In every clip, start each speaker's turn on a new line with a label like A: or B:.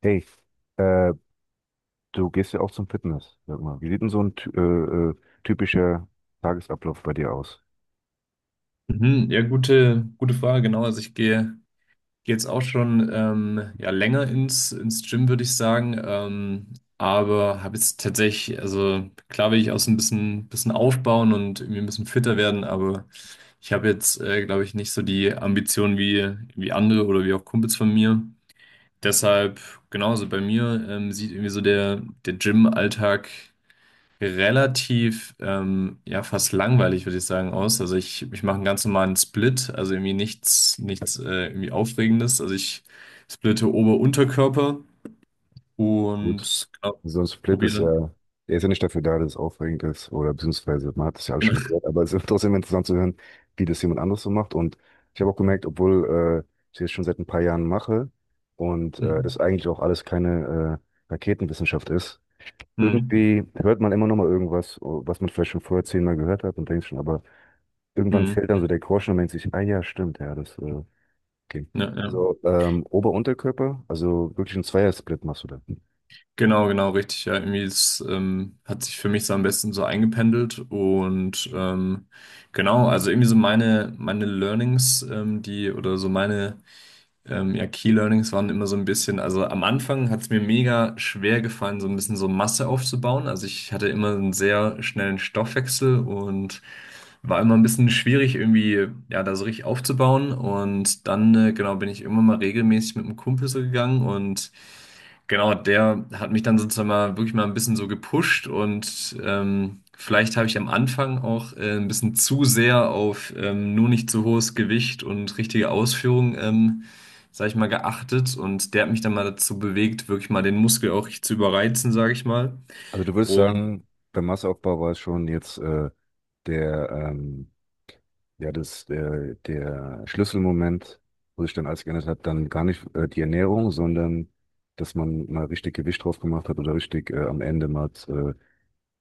A: Hey, äh, du gehst ja auch zum Fitness, sag mal. Wie sieht denn so ein äh, typischer Tagesablauf bei dir aus?
B: Mhm, ja, gute, gute Frage, genau. Also ich gehe, gehe jetzt auch schon ja, länger ins Gym, würde ich sagen. Aber habe jetzt tatsächlich, also klar will ich auch so ein bisschen aufbauen und irgendwie ein bisschen fitter werden, aber ich habe jetzt, glaube ich, nicht so die Ambitionen wie andere oder wie auch Kumpels von mir. Deshalb, genauso bei mir, sieht irgendwie so der Gym-Alltag relativ, ja, fast langweilig, würde ich sagen, aus. Also ich mache einen ganz normalen Split, also irgendwie nichts irgendwie Aufregendes. Also ich splitte Ober-Unterkörper
A: Gut.
B: und genau,
A: So ein Split ist
B: probiere.
A: ja, der ist ja nicht dafür da, dass es aufregend ist, oder beziehungsweise man hat das ja alles schon mal
B: Genau.
A: gehört, aber es ist trotzdem interessant zu hören, wie das jemand anderes so macht. Und ich habe auch
B: Mhm.
A: gemerkt, obwohl ich das schon seit ein paar Jahren mache und das
B: Mhm.
A: eigentlich auch alles keine Raketenwissenschaft ist.
B: Mhm.
A: Irgendwie hört man immer noch mal irgendwas, was man vielleicht schon vorher zehnmal gehört hat und denkt schon, aber irgendwann
B: Mhm.
A: fällt dann so der Groschen und denkt sich: ah ja, stimmt, ja, okay.
B: Ja, ja.
A: Also Ober-Unterkörper, also wirklich ein Zweiersplit machst du da.
B: Genau, genau, richtig. Ja, irgendwie ist, hat sich für mich so am besten so eingependelt und genau, also irgendwie so meine Learnings, die oder so meine ja, Key Learnings waren immer so ein bisschen, also am Anfang hat es mir mega schwer gefallen, so ein bisschen so Masse aufzubauen. Also ich hatte immer einen sehr schnellen Stoffwechsel und war immer ein bisschen schwierig, irgendwie, ja, da so richtig aufzubauen. Und dann, genau, bin ich immer mal regelmäßig mit einem Kumpel so gegangen und genau, der hat mich dann sozusagen mal wirklich mal ein bisschen so gepusht und vielleicht habe ich am Anfang auch ein bisschen zu sehr auf nur nicht zu hohes Gewicht und richtige Ausführung, sage ich mal, geachtet und der hat mich dann mal dazu bewegt, wirklich mal den Muskel auch richtig zu überreizen, sage ich mal.
A: Also du würdest
B: Und
A: sagen, beim Masseaufbau war es schon jetzt der, ja, das, der, der Schlüsselmoment, wo sich dann alles geändert hat, dann gar nicht die Ernährung, sondern dass man mal richtig Gewicht drauf gemacht hat oder richtig am Ende mal äh,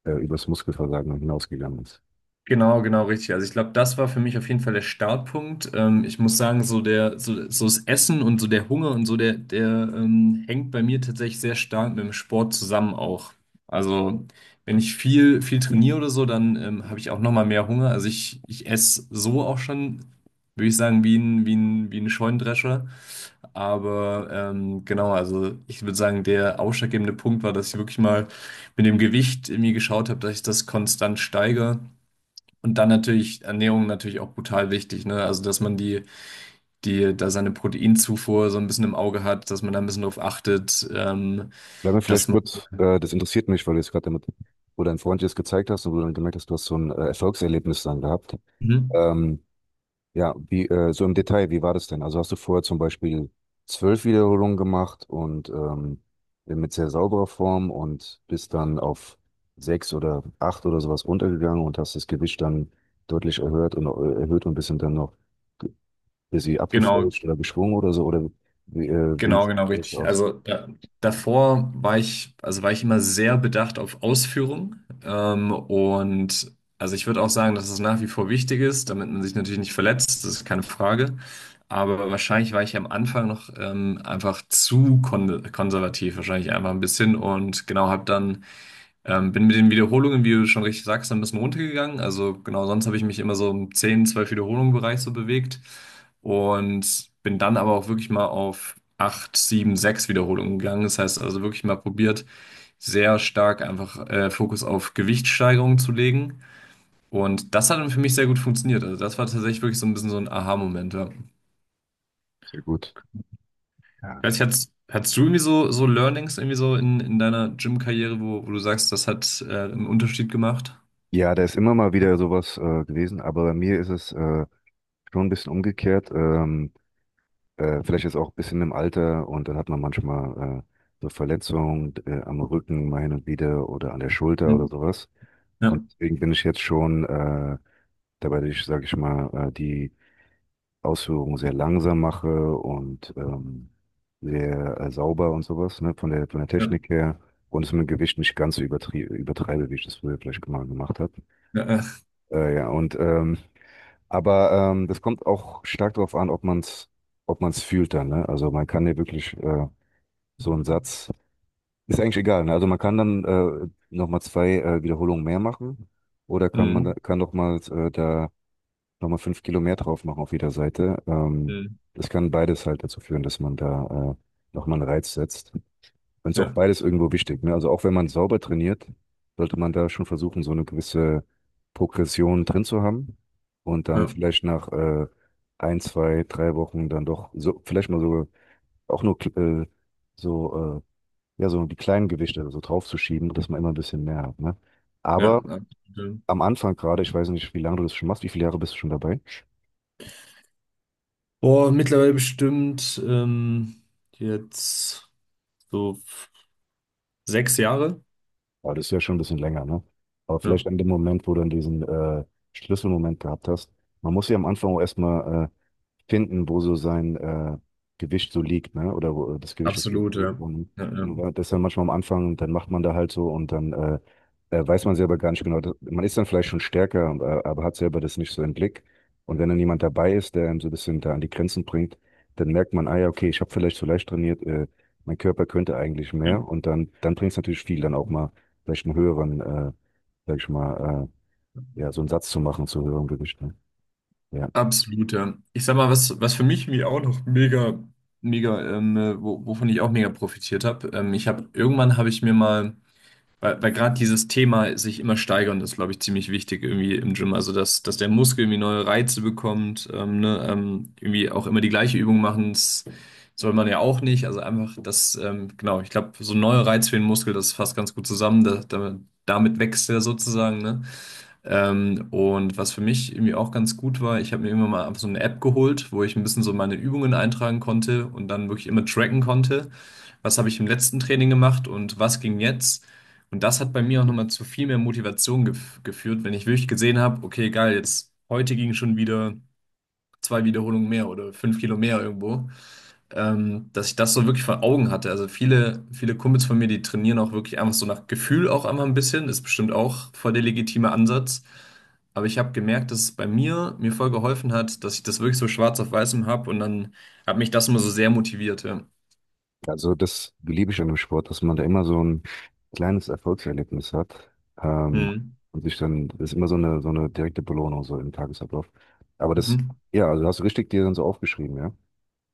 A: äh, übers Muskelversagen hinausgegangen ist.
B: genau, genau, richtig. Also ich glaube, das war für mich auf jeden Fall der Startpunkt. Ich muss sagen, so der, so, so das Essen und so der Hunger und so, der hängt bei mir tatsächlich sehr stark mit dem Sport zusammen auch. Also wenn ich viel, viel trainiere oder so, dann habe ich auch nochmal mehr Hunger. Also ich esse so auch schon, würde ich sagen, wie ein Scheunendrescher. Aber genau, also ich würde sagen, der ausschlaggebende Punkt war, dass ich wirklich mal mit dem Gewicht irgendwie geschaut habe, dass ich das konstant steigere. Und dann natürlich Ernährung natürlich auch brutal wichtig, ne? Also, dass man da seine Proteinzufuhr so ein bisschen im Auge hat, dass man da ein bisschen drauf achtet,
A: Bleib mir vielleicht
B: dass man,
A: kurz, das interessiert mich, weil du jetzt gerade damit, wo dein Freund dir das gezeigt hast und wo du dann gemerkt hast, du hast so ein Erfolgserlebnis dann gehabt.
B: mhm,
A: Ähm, ja, so im Detail, wie war das denn? Also hast du vorher zum Beispiel 12 Wiederholungen gemacht und mit sehr sauberer Form und bist dann auf sechs oder acht oder sowas runtergegangen und hast das Gewicht dann deutlich erhöht und bist dann noch ein bisschen
B: genau,
A: abgefälscht oder geschwungen oder so, oder wie
B: genau,
A: sieht
B: genau,
A: das
B: richtig.
A: aus?
B: Also davor war ich, also war ich immer sehr bedacht auf Ausführung. Und also ich würde auch sagen, dass es nach wie vor wichtig ist, damit man sich natürlich nicht verletzt, das ist keine Frage. Aber wahrscheinlich war ich am Anfang noch einfach zu konservativ, wahrscheinlich einfach ein bisschen und genau habe dann bin mit den Wiederholungen, wie du schon richtig sagst, ein bisschen runtergegangen. Also genau, sonst habe ich mich immer so im 10 12 Wiederholungen Bereich so bewegt und bin dann aber auch wirklich mal auf 8, 7, 6 Wiederholungen gegangen. Das heißt also wirklich mal probiert, sehr stark einfach Fokus auf Gewichtssteigerung zu legen. Und das hat dann für mich sehr gut funktioniert. Also das war tatsächlich wirklich so ein bisschen so ein Aha-Moment. Ja.
A: Sehr gut.
B: Ich weiß nicht, hattest du irgendwie so Learnings irgendwie so in deiner Gym-Karriere, wo du sagst, das hat einen Unterschied gemacht?
A: Ja, da ist immer mal wieder sowas gewesen, aber bei mir ist es schon ein bisschen umgekehrt. Vielleicht ist auch ein bisschen im Alter, und dann hat man manchmal so Verletzungen am Rücken mal hin und wieder oder an der Schulter oder
B: Mhm.
A: sowas. Und
B: Ja.
A: deswegen bin ich jetzt schon dabei, dass ich, sage ich mal, die Ausführungen sehr langsam mache und sehr sauber und sowas, ne, von der
B: Ja.
A: Technik her. Und es mit dem Gewicht nicht ganz so übertrie übertreibe, wie ich das früher vielleicht mal gemacht habe.
B: Ja, ja.
A: Ja. Aber das kommt auch stark darauf an, ob man es ob man's fühlt dann. Ne? Also man kann ja wirklich so einen Satz, ist eigentlich egal. Ne? Also man kann dann nochmal zwei Wiederholungen mehr machen oder kann man da-
B: Mhm.
A: kann nochmal da nochmal 5 Kilo mehr drauf machen auf jeder Seite.
B: Mhm.
A: Das kann beides halt dazu führen, dass man da nochmal einen Reiz setzt. Und ist auch
B: Ja,
A: beides irgendwo wichtig, ne? Also auch wenn man sauber trainiert, sollte man da schon versuchen, so eine gewisse Progression drin zu haben und dann
B: ja,
A: vielleicht nach ein, zwei, drei Wochen dann doch so vielleicht mal so auch nur so ja so die kleinen Gewichte so draufzuschieben, dass man immer ein bisschen mehr hat, ne? Aber
B: ja, absolut.
A: am Anfang gerade, ich weiß nicht, wie lange du das schon machst, wie viele Jahre bist du schon dabei?
B: Boah, mittlerweile bestimmt jetzt so 6 Jahre.
A: Aber das ist ja schon ein bisschen länger, ne? Aber
B: Ja,
A: vielleicht an dem Moment, wo du dann diesen Schlüsselmoment gehabt hast, man muss ja am Anfang auch erstmal finden, wo so sein Gewicht so liegt, ne? Oder wo das Gewicht auf gut
B: absolut,
A: liegt.
B: ja.
A: Und,
B: Ja, ja.
A: und war- das ist dann manchmal am Anfang, dann macht man da halt so, und dann weiß man selber gar nicht so genau. Man ist dann vielleicht schon stärker, aber hat selber das nicht so im Blick. Und wenn dann jemand dabei ist, der einem so ein bisschen da an die Grenzen bringt, dann merkt man: ah ja, okay, ich habe vielleicht zu leicht trainiert, mein Körper könnte eigentlich
B: Ja.
A: mehr. Und dann bringt es natürlich viel, dann auch mal vielleicht einen höheren, sag ich mal, ja, so einen Satz zu machen zu höherem Gewicht. Ne? Ja.
B: Absolut, ja. Ich sag mal, was für mich mir auch noch mega, mega, wovon ich auch mega profitiert habe. Ich habe irgendwann habe ich mir mal weil gerade dieses Thema sich immer steigern ist, glaube ich, ziemlich wichtig irgendwie im Gym. Also, dass der Muskel irgendwie neue Reize bekommt, ne, irgendwie auch immer die gleiche Übung machen, das soll man ja auch nicht. Also einfach das, genau, ich glaube, so ein neuer Reiz für den Muskel, das fasst ganz gut zusammen. Damit wächst er sozusagen, ne? Und was für mich irgendwie auch ganz gut war, ich habe mir irgendwann mal einfach so eine App geholt, wo ich ein bisschen so meine Übungen eintragen konnte und dann wirklich immer tracken konnte, was habe ich im letzten Training gemacht und was ging jetzt. Und das hat bei mir auch nochmal zu viel mehr Motivation geführt, wenn ich wirklich gesehen habe, okay, geil, jetzt heute ging schon wieder zwei Wiederholungen mehr oder 5 Kilo mehr irgendwo, dass ich das so wirklich vor Augen hatte. Also viele, viele Kumpels von mir, die trainieren auch wirklich einfach so nach Gefühl auch einmal ein bisschen, ist bestimmt auch voll der legitime Ansatz. Aber ich habe gemerkt, dass es bei mir voll geholfen hat, dass ich das wirklich so schwarz auf weißem habe und dann hat mich das immer so sehr motiviert. Ja.
A: Also das liebe ich an dem Sport, dass man da immer so ein kleines Erfolgserlebnis hat, ähm,
B: Hm.
A: und sich dann, das ist immer so eine direkte Belohnung so im Tagesablauf. Aber das,
B: Mhm.
A: ja, also hast du richtig dir dann so aufgeschrieben, ja?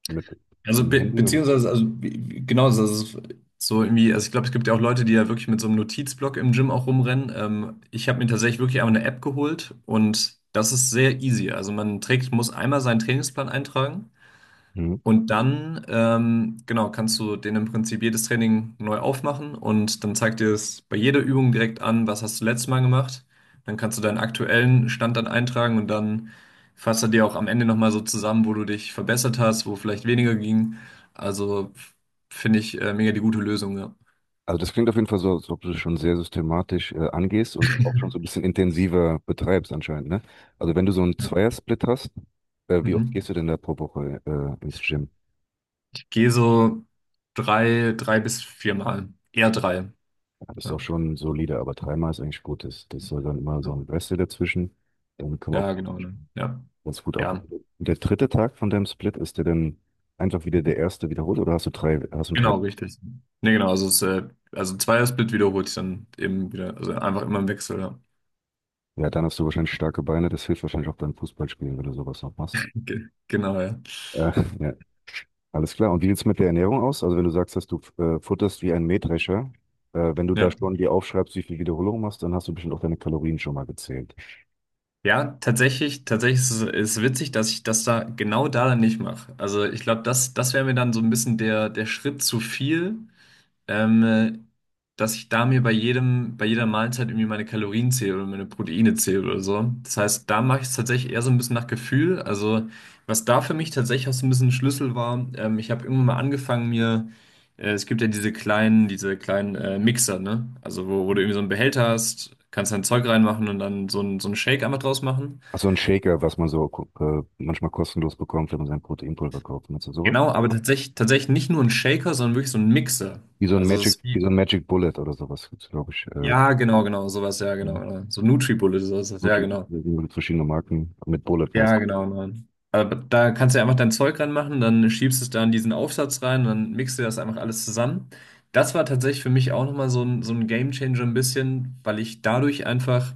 A: Mit
B: Also
A: dem
B: be
A: Handy oder?
B: beziehungsweise, also genau, also es ist so irgendwie, also ich glaube, es gibt ja auch Leute, die ja wirklich mit so einem Notizblock im Gym auch rumrennen. Ich habe mir tatsächlich wirklich einmal eine App geholt und das ist sehr easy. Also man trägt, muss einmal seinen Trainingsplan eintragen.
A: Mhm.
B: Und dann, genau, kannst du den im Prinzip jedes Training neu aufmachen und dann zeigt dir es bei jeder Übung direkt an, was hast du letztes Mal gemacht. Dann kannst du deinen aktuellen Stand dann eintragen und dann fasst er dir auch am Ende nochmal so zusammen, wo du dich verbessert hast, wo vielleicht weniger ging. Also finde ich mega die gute Lösung, ja.
A: Also das klingt auf jeden Fall so, als ob du das schon sehr systematisch angehst und auch schon so ein bisschen intensiver betreibst anscheinend, ne? Also wenn du so einen
B: Ja.
A: Zweiersplit hast, wie oft
B: Mhm.
A: gehst du denn da pro Woche ins Gym?
B: Ich gehe so drei bis viermal. Eher drei.
A: Ist auch
B: Ja,
A: schon solide, aber dreimal ist eigentlich gut. Das soll dann immer
B: ja.
A: so ein Reste dazwischen. Dann kommen wir
B: Ja, genau. Ne? Ja.
A: ganz gut auf.
B: Ja,
A: Und der dritte Tag von deinem Split, ist der dann einfach wieder der erste wiederholt oder hast du drei?
B: genau, richtig. Nee, genau, also, es, also ein Zweiersplit wiederholt sich dann eben wieder, also einfach immer im Wechsel, ja.
A: Ja, dann hast du wahrscheinlich starke Beine. Das hilft wahrscheinlich auch beim Fußballspielen, wenn du sowas noch machst.
B: Ge genau, ja.
A: Äh, ja, alles klar. Und wie sieht's mit der Ernährung aus? Also wenn du sagst, dass du futterst wie ein Mähdrescher, wenn du da
B: Ja,
A: schon dir aufschreibst, wie viel Wiederholung machst, dann hast du bestimmt auch deine Kalorien schon mal gezählt.
B: ja tatsächlich, ist es ist witzig, dass ich das da genau da dann nicht mache. Also ich glaube, das wäre mir dann so ein bisschen der Schritt zu viel. ähm, äh, dass ich da mir bei bei jeder Mahlzeit irgendwie meine Kalorien zähle oder meine Proteine zähle oder so. Das heißt, da mache ich es tatsächlich eher so ein bisschen nach Gefühl. Also, was da für mich tatsächlich auch so ein bisschen ein Schlüssel war, ich habe irgendwann mal angefangen, mir, es gibt ja diese kleinen, Mixer, ne? Also, wo du irgendwie so einen Behälter hast, kannst dein Zeug reinmachen und dann so ein, so einen Shake einfach draus machen.
A: Ach, so ein Shaker, was man so manchmal kostenlos bekommt, wenn man sein Proteinpulver kauft. Meinst du sowas?
B: Genau, aber tatsächlich nicht nur ein Shaker, sondern wirklich so ein Mixer. Also, es ist
A: Wie
B: wie.
A: so ein Magic Bullet oder sowas gibt's, glaube ich.
B: Ja, genau, genau, sowas, ja, genau,
A: Mhm.
B: genau. So Nutribullet, sowas, ja,
A: Wirklich
B: genau.
A: verschiedene Marken mit Bullet meist.
B: Ja, genau, nein. Aber da kannst du ja einfach dein Zeug ranmachen, dann schiebst es da in diesen Aufsatz rein, dann mixt du das einfach alles zusammen. Das war tatsächlich für mich auch nochmal so ein Game Changer ein bisschen, weil ich dadurch einfach,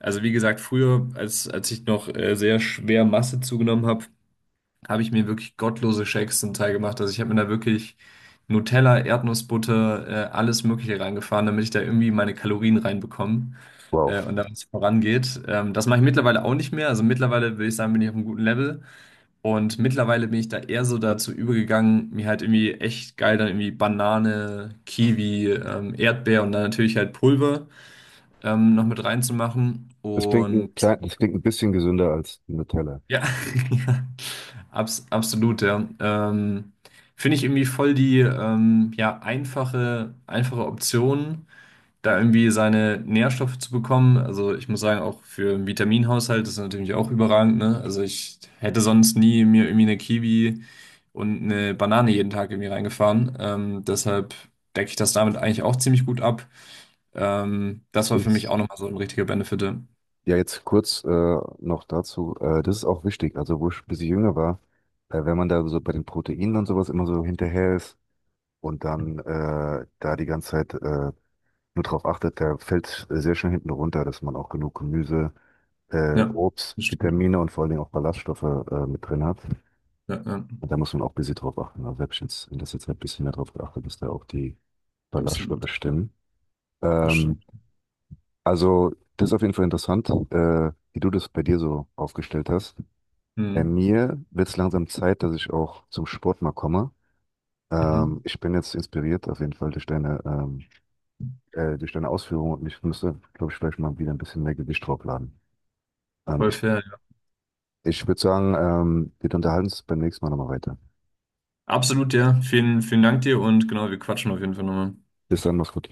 B: also wie gesagt, früher, als ich noch sehr schwer Masse zugenommen habe, habe ich mir wirklich gottlose Shakes zum Teil gemacht. Also ich habe mir da wirklich Nutella, Erdnussbutter, alles Mögliche reingefahren, damit ich da irgendwie meine Kalorien reinbekomme
A: Wow.
B: und damit es vorangeht. Das mache ich mittlerweile auch nicht mehr. Also mittlerweile würde ich sagen, bin ich auf einem guten Level. Und mittlerweile bin ich da eher so dazu übergegangen, mir halt irgendwie echt geil dann irgendwie Banane, Kiwi, Erdbeer und dann natürlich halt Pulver noch mit reinzumachen.
A: Das klingt
B: Und
A: ein klein, das klingt ein bisschen gesünder als Nutella.
B: ja, ja, absolut, ja. Finde ich irgendwie voll die ja, einfache, einfache Option, da irgendwie seine Nährstoffe zu bekommen. Also ich muss sagen, auch für den Vitaminhaushalt ist das natürlich auch überragend, ne? Also ich hätte sonst nie mir irgendwie eine Kiwi und eine Banane jeden Tag irgendwie reingefahren. Deshalb decke ich das damit eigentlich auch ziemlich gut ab. Das war für mich auch
A: Ist,
B: nochmal so ein richtiger Benefit. Ja.
A: ja, jetzt kurz noch dazu. Das ist auch wichtig. Also, wo ich ein bisschen jünger war, wenn man da so bei den Proteinen und sowas immer so hinterher ist und dann da die ganze Zeit nur darauf achtet, der fällt sehr schnell hinten runter, dass man auch genug Gemüse,
B: Ja,
A: Obst,
B: das stimmt.
A: Vitamine und vor allen Dingen auch Ballaststoffe mit drin hat.
B: Ja, ja,
A: Und da muss man auch ein bisschen drauf achten. Also selbst jetzt in letzter Zeit ein bisschen mehr drauf geachtet, dass da auch die Ballaststoffe
B: absolut.
A: stimmen.
B: Das
A: Ähm,
B: stimmt.
A: also das ist auf jeden Fall interessant, wie du das bei dir so aufgestellt hast. Bei
B: Mhm.
A: mir wird es langsam Zeit, dass ich auch zum Sport mal komme.
B: Mhm.
A: Ich bin jetzt inspiriert auf jeden Fall durch deine Ausführungen, und ich müsste, glaube ich, vielleicht mal wieder ein bisschen mehr Gewicht draufladen. Ähm,
B: Voll
A: ich
B: fair. Ja.
A: ich würde sagen, wir unterhalten uns beim nächsten Mal nochmal weiter.
B: Absolut, ja. Vielen, vielen Dank dir und genau, wir quatschen auf jeden Fall nochmal.
A: Bis dann, mach's gut.